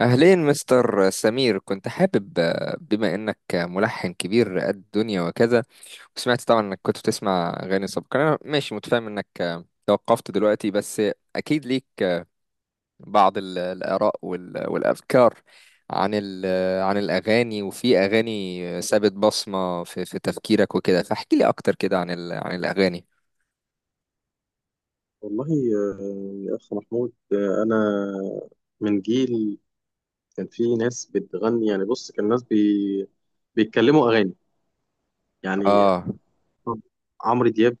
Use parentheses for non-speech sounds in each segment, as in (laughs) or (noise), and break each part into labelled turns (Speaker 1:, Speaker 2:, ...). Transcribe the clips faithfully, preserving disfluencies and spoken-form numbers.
Speaker 1: أهلين مستر سمير، كنت حابب آه، بما إنك ملحن كبير قد الدنيا وكذا، وسمعت طبعا إنك كنت بتسمع أغاني سابقا. أنا ماشي متفاهم إنك آه، توقفت دلوقتي، بس أكيد ليك آه، بعض ال- الآراء وال- والأفكار عن ال- آه، عن الأغاني، وفي أغاني سابت بصمة في في تفكيرك وكده. فاحكي لي أكتر كده عن ال- عن الأغاني.
Speaker 2: والله، آه، يا أخ محمود، آه، أنا من جيل كان في ناس بتغني، يعني بص كان ناس بي... بيتكلموا أغاني، يعني
Speaker 1: آه.
Speaker 2: عمرو دياب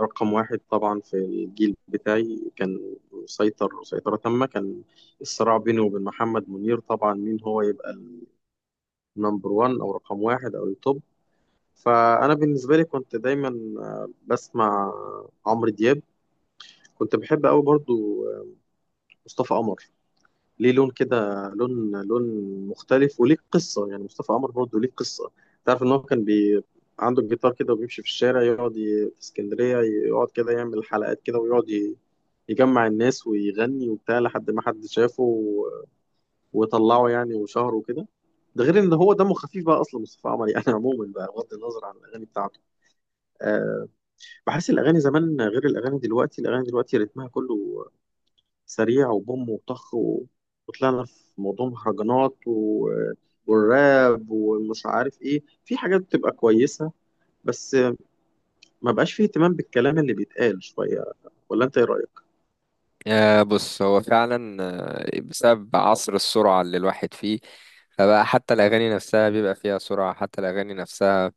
Speaker 2: رقم واحد طبعا. في الجيل بتاعي كان مسيطر سيطرة تامة. كان الصراع بينه وبين محمد منير طبعا، مين هو يبقى النمبر وان أو رقم واحد أو التوب. فأنا بالنسبة لي كنت دايما آه، بسمع عمرو دياب. كنت بحب أوي برضو آه، مصطفى قمر. ليه لون كده، لون لون مختلف، وليه قصة. يعني مصطفى قمر برضه ليه قصة. تعرف إن هو كان بي عنده الجيتار كده، وبيمشي في الشارع يقعد ي... في اسكندرية، يقعد كده يعمل حلقات كده، ويقعد ي... يجمع الناس ويغني وبتاع، لحد ما حد شافه و... وطلعه يعني وشهره وكده. ده غير ان هو دمه خفيف بقى اصلا مصطفى قمر يعني. (laughs) عموما بقى، بغض النظر عن الاغاني بتاعته، أه، بحس الاغاني زمان غير الاغاني دلوقتي. الاغاني دلوقتي رتمها كله سريع، وبوم وطخ و... وطلعنا في موضوع مهرجانات و... والراب ومش عارف ايه. في حاجات بتبقى كويسة، بس ما بقاش فيه اهتمام بالكلام اللي بيتقال شوية. ولا انت ايه رأيك؟
Speaker 1: آه، بص، هو فعلا آه، بسبب عصر السرعة اللي الواحد فيه، فبقى حتى الأغاني نفسها بيبقى فيها سرعة. حتى الأغاني نفسها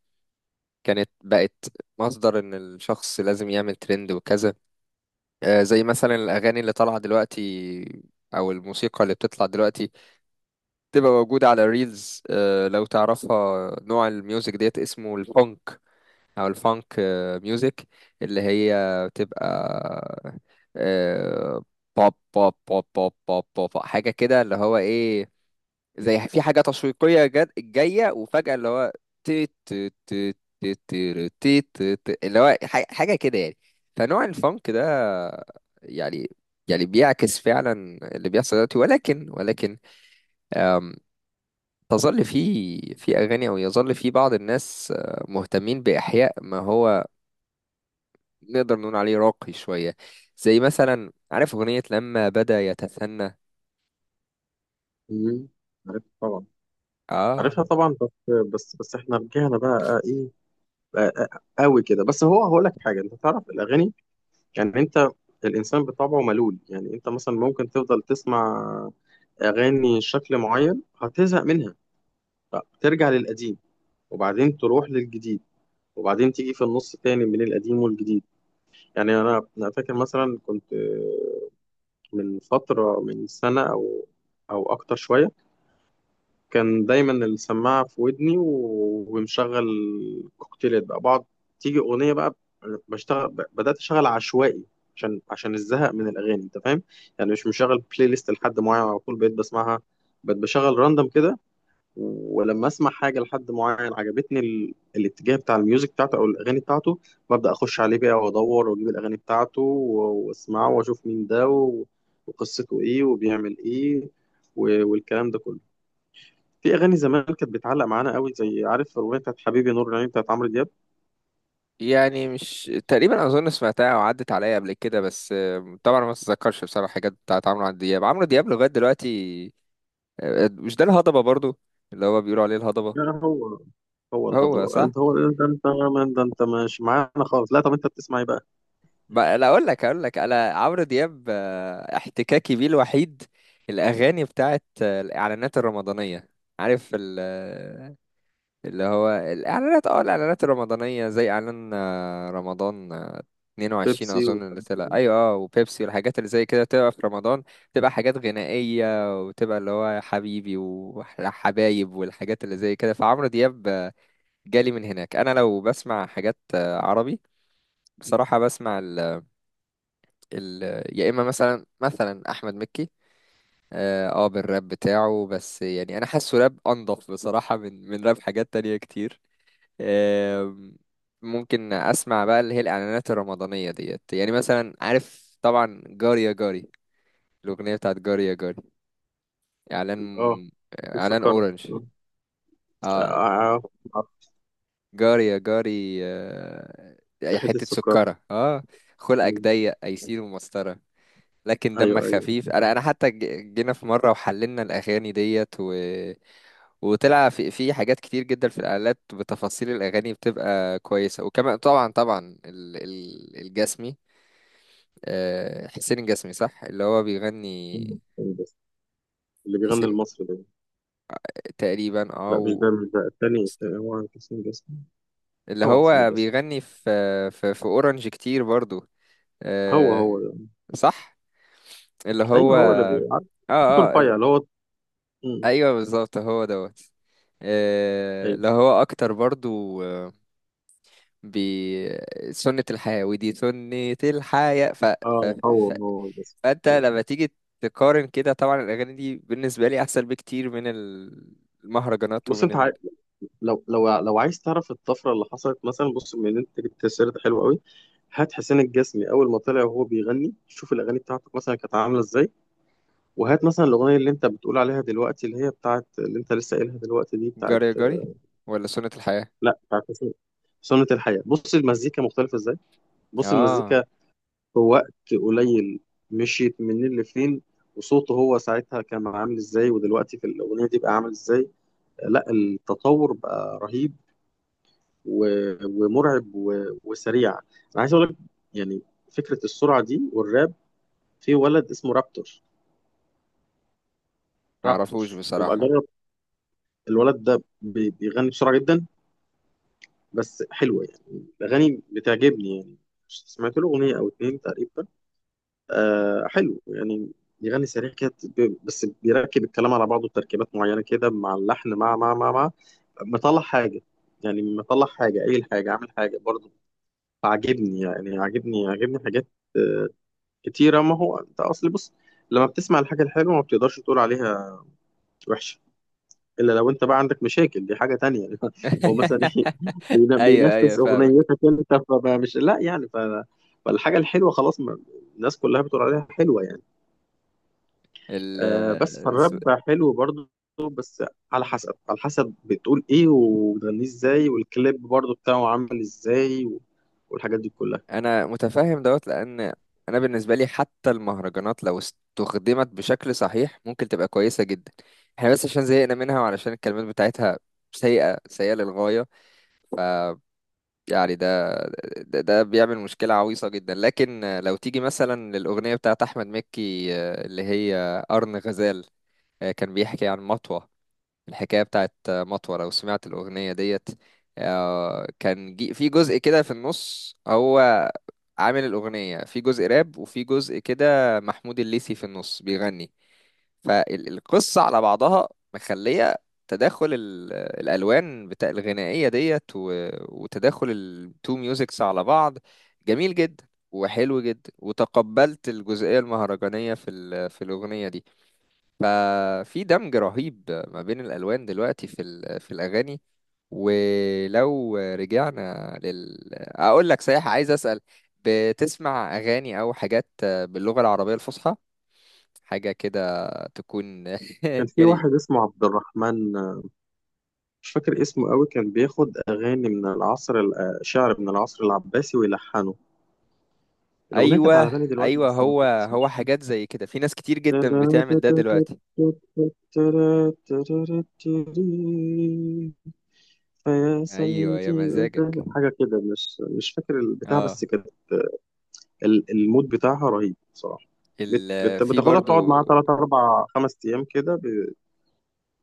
Speaker 1: كانت بقت مصدر إن الشخص لازم يعمل ترند وكذا. آه، زي مثلا الأغاني اللي طالعة دلوقتي أو الموسيقى اللي بتطلع دلوقتي تبقى موجودة على الريلز. آه، لو تعرفها، نوع الميوزك ديت اسمه الفونك او الفانك ميوزك، اللي هي بتبقى آه، بوب بوب بوب بوب بوب بوب، حاجه كده، اللي هو ايه، زي في حاجه تشويقيه جد جايه، وفجاه اللي هو تي تي تي تي تي تي تي تي، اللي هو ح- حاجه كده يعني. فنوع الفانك ده، يعني يعني بيعكس فعلا اللي بيحصل دلوقتي. ولكن ولكن تظل في في اغاني، او يظل في بعض الناس آه، مهتمين باحياء ما هو نقدر نقول عليه راقي شوية، زي مثلا عارف أغنية لما بدأ يتثنى.
Speaker 2: مم. عارف طبعا.
Speaker 1: آه.
Speaker 2: عارفها طبعا، بس بس بس احنا رجعنا بقى ايه بقى قوي كده. بس هو هقول لك حاجة، انت تعرف الاغاني، يعني انت الانسان بطبعه ملول. يعني انت مثلا ممكن تفضل تسمع اغاني شكل معين، هتزهق منها، فترجع للقديم، وبعدين تروح للجديد، وبعدين تيجي في النص تاني من القديم والجديد. يعني انا انا فاكر مثلا كنت آه، من فتره، من سنه او او اكتر شويه، كان دايما السماعه في ودني و- ومشغل كوكتيلات بقى. بقعد تيجي اغنيه بقى بشتغل، ب- بدات اشتغل عشوائي، عشان عشان الزهق من الاغاني، انت فاهم يعني. مش مشغل بلاي ليست لحد معين على طول بقيت بسمعها، بقيت بشغل راندم كده. ولما اسمع حاجه لحد معين عجبتني، ال... الاتجاه بتاع الميوزك بتاعته او الاغاني بتاعته، ببدا اخش عليه بقى وادور واجيب الاغاني بتاعته و- واسمعه، واشوف مين ده و... وقصته ايه وبيعمل ايه و... والكلام ده كله. في اغاني زمان كانت بتعلق معانا قوي، زي عارف الاغنيه بتاعت حبيبي نور العين بتاعت عمرو دياب.
Speaker 1: يعني مش تقريبا أظن سمعتها أو عدت عليا قبل كده، بس آه، طبعا ما أتذكرش بصراحة حاجات بتاعت عمرو دياب عمرو دياب لغاية دلوقتي. آه، مش ده الهضبة برضو، اللي هو بيقولوا عليه الهضبة؟
Speaker 2: لا لا، هو هو
Speaker 1: هو
Speaker 2: الهضبه.
Speaker 1: صح.
Speaker 2: انت هو انت انت من ده. انت مش معانا خالص، لا طب انت بتسمع ايه بقى؟
Speaker 1: ما لا أقول لك أقول لك أنا، عمرو دياب آه، احتكاكي بيه الوحيد الأغاني بتاعت آه، الإعلانات الرمضانية. عارف ال اللي هو الإعلانات، اه، الإعلانات الرمضانية، زي إعلان آه، رمضان آه، اتنين وعشرين
Speaker 2: بيبسي
Speaker 1: أظن اللي
Speaker 2: وحاجات
Speaker 1: طلع،
Speaker 2: كده.
Speaker 1: أيوة، اه، وبيبسي والحاجات اللي زي كده تبقى في رمضان، تبقى حاجات غنائية، وتبقى اللي هو حبيبي وحبايب والحاجات اللي زي كده. فعمرو دياب آه، جالي من هناك. أنا لو بسمع حاجات آه، عربي بصراحة، بسمع ال ال يا إما مثلا مثلا أحمد مكي، اه، آه، بالراب بتاعه، بس يعني انا حاسه راب انضف بصراحة من من راب حاجات تانية كتير. آم، ممكن اسمع بقى اللي هي الاعلانات الرمضانيه ديت، يعني مثلا عارف طبعا جاري يا جاري، الاغنيه بتاعت جاري يا جاري، اعلان
Speaker 2: اه،
Speaker 1: آه،
Speaker 2: حته
Speaker 1: اعلان
Speaker 2: السكر.
Speaker 1: اورنج،
Speaker 2: آه،
Speaker 1: اه.
Speaker 2: آه، آه،
Speaker 1: جاري يا جاري آه، يا
Speaker 2: حته
Speaker 1: حته
Speaker 2: السكر.
Speaker 1: سكره، اه، خلقك ضيق ايسين ومسطره، لكن دمك
Speaker 2: ايوه، ايوه.
Speaker 1: خفيف. انا انا حتى ج- جينا في مره وحللنا الاغاني ديت، و... وطلع في في حاجات كتير جدا في الاعلانات، بتفاصيل الاغاني بتبقى كويسه. وكمان طبعا طبعا ال... ال... الجسمي آه، حسين الجسمي، صح، اللي هو بيغني.
Speaker 2: مين حسين جسمي؟ اللي بيغني
Speaker 1: حسين،
Speaker 2: المصري ده؟
Speaker 1: تقريبا، اه.
Speaker 2: لا، مش
Speaker 1: و...
Speaker 2: ده مش ده التاني التاني هو حسين جسمي.
Speaker 1: اللي
Speaker 2: هو حسين
Speaker 1: هو
Speaker 2: جسمي.
Speaker 1: بيغني في في, في اورنج كتير برضو
Speaker 2: هو
Speaker 1: آه،
Speaker 2: هو ده.
Speaker 1: صح. اللي هو،
Speaker 2: ايوه، هو اللي
Speaker 1: اه،
Speaker 2: بيعرف صوته
Speaker 1: اه، ال-
Speaker 2: رفيع، اللي هو. مم.
Speaker 1: ايوه بالظبط هو دوت. آه،
Speaker 2: ايوه.
Speaker 1: اللي هو اكتر برضو آه، بي سنة الحياة. ودي سنة الحياة. ف... ف...
Speaker 2: اه، هو
Speaker 1: ف...
Speaker 2: هو جسمي.
Speaker 1: فانت
Speaker 2: أيوة.
Speaker 1: لما تيجي تقارن كده، طبعا الاغاني دي بالنسبة لي احسن بكتير من المهرجانات،
Speaker 2: بص
Speaker 1: ومن
Speaker 2: انت عاي... لو لو لو عايز تعرف الطفره اللي حصلت مثلا، بص، من انت جبت سيرة حلوه قوي. هات حسين الجسمي اول ما طلع وهو بيغني، شوف الاغاني بتاعته مثلا كانت عامله ازاي، وهات مثلا الاغنيه اللي انت بتقول عليها دلوقتي، اللي هي بتاعت، اللي انت لسه قايلها دلوقتي، دي بتاعت،
Speaker 1: جري جري ولا سنة الحياة.
Speaker 2: لا بتاعت سنة سنة الحياة. بص المزيكا مختلفة ازاي، بص
Speaker 1: اه،
Speaker 2: المزيكا في وقت قليل مشيت منين لفين، وصوته هو ساعتها كان عامل ازاي، ودلوقتي في الأغنية دي بقى عامل ازاي. لا، التطور بقى رهيب و- ومرعب و- وسريع. انا عايز اقول لك، يعني فكرة السرعة دي والراب، في ولد اسمه رابتور.
Speaker 1: ما
Speaker 2: رابتور،
Speaker 1: اعرفوش
Speaker 2: يبقى
Speaker 1: بصراحة.
Speaker 2: جرب. الولد ده بي- بيغني بسرعة جدا، بس حلوة يعني. الأغاني بتعجبني يعني. سمعت له أغنية أو اتنين تقريبا. آه حلو يعني. يغني سريع كده، ب- بس بيركب الكلام على بعضه تركيبات معينة كده مع اللحن، مع مع مع مع مطلع حاجة. يعني مطلع حاجة، قايل حاجة، عامل حاجة برضه. عاجبني يعني، عاجبني عاجبني حاجات آه، كتيرة. ما هو أنت أصل بص، لما بتسمع الحاجة الحلوة ما بتقدرش تقول عليها وحشة، إلا لو أنت بقى عندك مشاكل، دي حاجة تانية يعني. (laughs) هو مثلا إيه
Speaker 1: (laughs)
Speaker 2: بين-
Speaker 1: ايوه، ايوه،
Speaker 2: بينفذ
Speaker 1: فاهمك.
Speaker 2: أغنيتك أنت، فمش، لا يعني ف... فالحاجة الحلوة خلاص ما... الناس كلها بتقول عليها حلوة يعني.
Speaker 1: ال
Speaker 2: آه، بس
Speaker 1: الس-
Speaker 2: فالراب حلو برضه، بس على حسب على حسب بتقول ايه، وبتغنيه ازاي، والكليب برضه بتاعه عامل ازاي و- والحاجات دي كلها.
Speaker 1: انا متفهم دوت، لان انا بالنسبة لي حتى المهرجانات لو استخدمت بشكل صحيح ممكن تبقى كويسة جدا. احنا بس عشان زهقنا منها وعلشان الكلمات بتاعتها سيئة، سيئة للغاية يعني. ده ده, ده بيعمل مشكلة عويصة جدا. لكن لو تيجي مثلا للأغنية بتاعت أحمد مكي آه، اللي هي قرن غزال، آه، كان بيحكي عن مطوة، الحكاية بتاعت مطوة. لو سمعت الأغنية ديت آه، كان جي- في جزء كده في النص، هو عامل الأغنية في جزء راب وفي جزء كده محمود الليثي في النص بيغني. فالقصة على بعضها مخلية تداخل ال- الألوان بتاع الغنائية ديت، و- وتداخل التو ميوزكس على بعض جميل جدا وحلو جدا. وتقبلت الجزئية المهرجانية في ال- في الأغنية دي. ففي دمج رهيب ما بين الألوان دلوقتي في ال- في الأغاني. ولو رجعنا لل أقول لك، صحيح، عايز أسأل، بتسمع أغاني أو حاجات باللغة العربية الفصحى، حاجة كده تكون (laughs)
Speaker 2: كان في
Speaker 1: يعني؟
Speaker 2: واحد اسمه عبد الرحمن، آه، مش فاكر اسمه قوي، كان بياخد اغاني من العصر ال- آه، شعر من العصر العباسي ويلحنه. الاغنيه كانت على
Speaker 1: أيوه،
Speaker 2: بالي دلوقتي
Speaker 1: أيوه،
Speaker 2: بس ما
Speaker 1: هو
Speaker 2: كانتش،
Speaker 1: هو
Speaker 2: مش
Speaker 1: حاجات زي كده، في ناس كتير جدا بتعمل ده
Speaker 2: فاكر.
Speaker 1: دلوقتي.
Speaker 2: (laughs) فيا
Speaker 1: أيوه يا
Speaker 2: سيدي انت
Speaker 1: مزاجك،
Speaker 2: حاجه كده، مش مش فاكر البتاع،
Speaker 1: اه.
Speaker 2: بس كده. ال- المود بتاعها رهيب بصراحة. بت-
Speaker 1: ال...
Speaker 2: بت-
Speaker 1: في
Speaker 2: بتاخدها بتقعد
Speaker 1: برضو،
Speaker 2: معاها تلات أربع خمس أيام كده بي-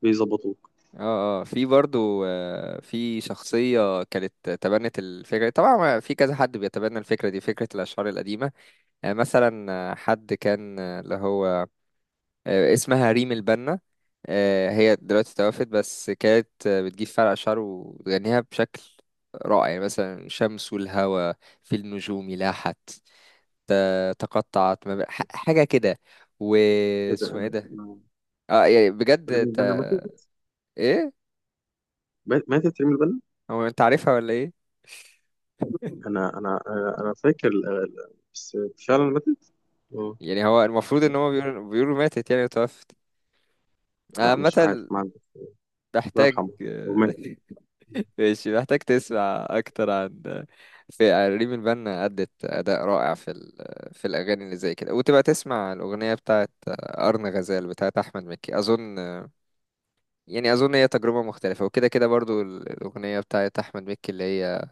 Speaker 2: بيظبطوك.
Speaker 1: اه، اه، في برضو آه، في شخصية كانت تبنت الفكرة، طبعا، ما- في كذا حد بيتبنى الفكرة دي، فكرة الأشعار القديمة. آه، مثلا آه، حد كان آه، اللي هو آه، اسمها ريم البنا. آه، هي دلوقتي توفت، بس كانت آه، بتجيب فرع أشعار وتغنيها بشكل رائع. يعني مثلا شمس والهوى، في النجوم لاحت، ت- تقطعت، ما ب- ح- حاجة كده،
Speaker 2: إيه ده؟
Speaker 1: واسمه ايه
Speaker 2: أنا
Speaker 1: ده.
Speaker 2: أنا
Speaker 1: اه يعني
Speaker 2: ريم
Speaker 1: بجد. ت...
Speaker 2: البنا ماتت؟
Speaker 1: ايه؟
Speaker 2: مات- ماتت ريم البنا.
Speaker 1: هو انت عارفها ولا ايه؟
Speaker 2: أنا أنا أنا أنا فاكر ال- ال- بس، فعلا ماتت. مم.
Speaker 1: يعني هو المفروض ان هو بيقولوا بيقولوا ماتت يعني، وتوفت
Speaker 2: لا مش عارف،
Speaker 1: عامة.
Speaker 2: ما عندي. الله
Speaker 1: محتاج.
Speaker 2: يرحمه. هو مات.
Speaker 1: (laughs) ماشي، محتاج تسمع اكتر عن، في ريم البنا أدت أداء رائع في ال... في الأغاني اللي زي كده. وتبقى تسمع الأغنية بتاعت أرن غزال بتاعت أحمد مكي، أظن. يعني أظن هي تجربة مختلفة وكده كده. برضو الأغنية بتاعت أحمد مكي اللي هي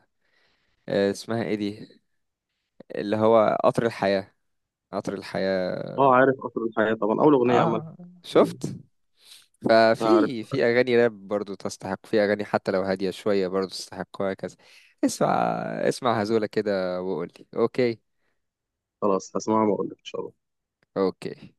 Speaker 1: آه، اسمها إيه دي، اللي هو قطر الحياة، قطر الحياة.
Speaker 2: أه، عارف قطر الحياة طبعا، أول أغنية عملها.
Speaker 1: آه،
Speaker 2: مم.
Speaker 1: شفت.
Speaker 2: أعرف.
Speaker 1: ففي في اغاني راب برضو تستحق، في اغاني حتى لو هاديه شويه برضو تستحق، وهكذا. اسمع، اسمع هزوله كده وقول لي اوكي.
Speaker 2: خلاص هسمعها وأقول لك إن شاء الله.
Speaker 1: اوكي.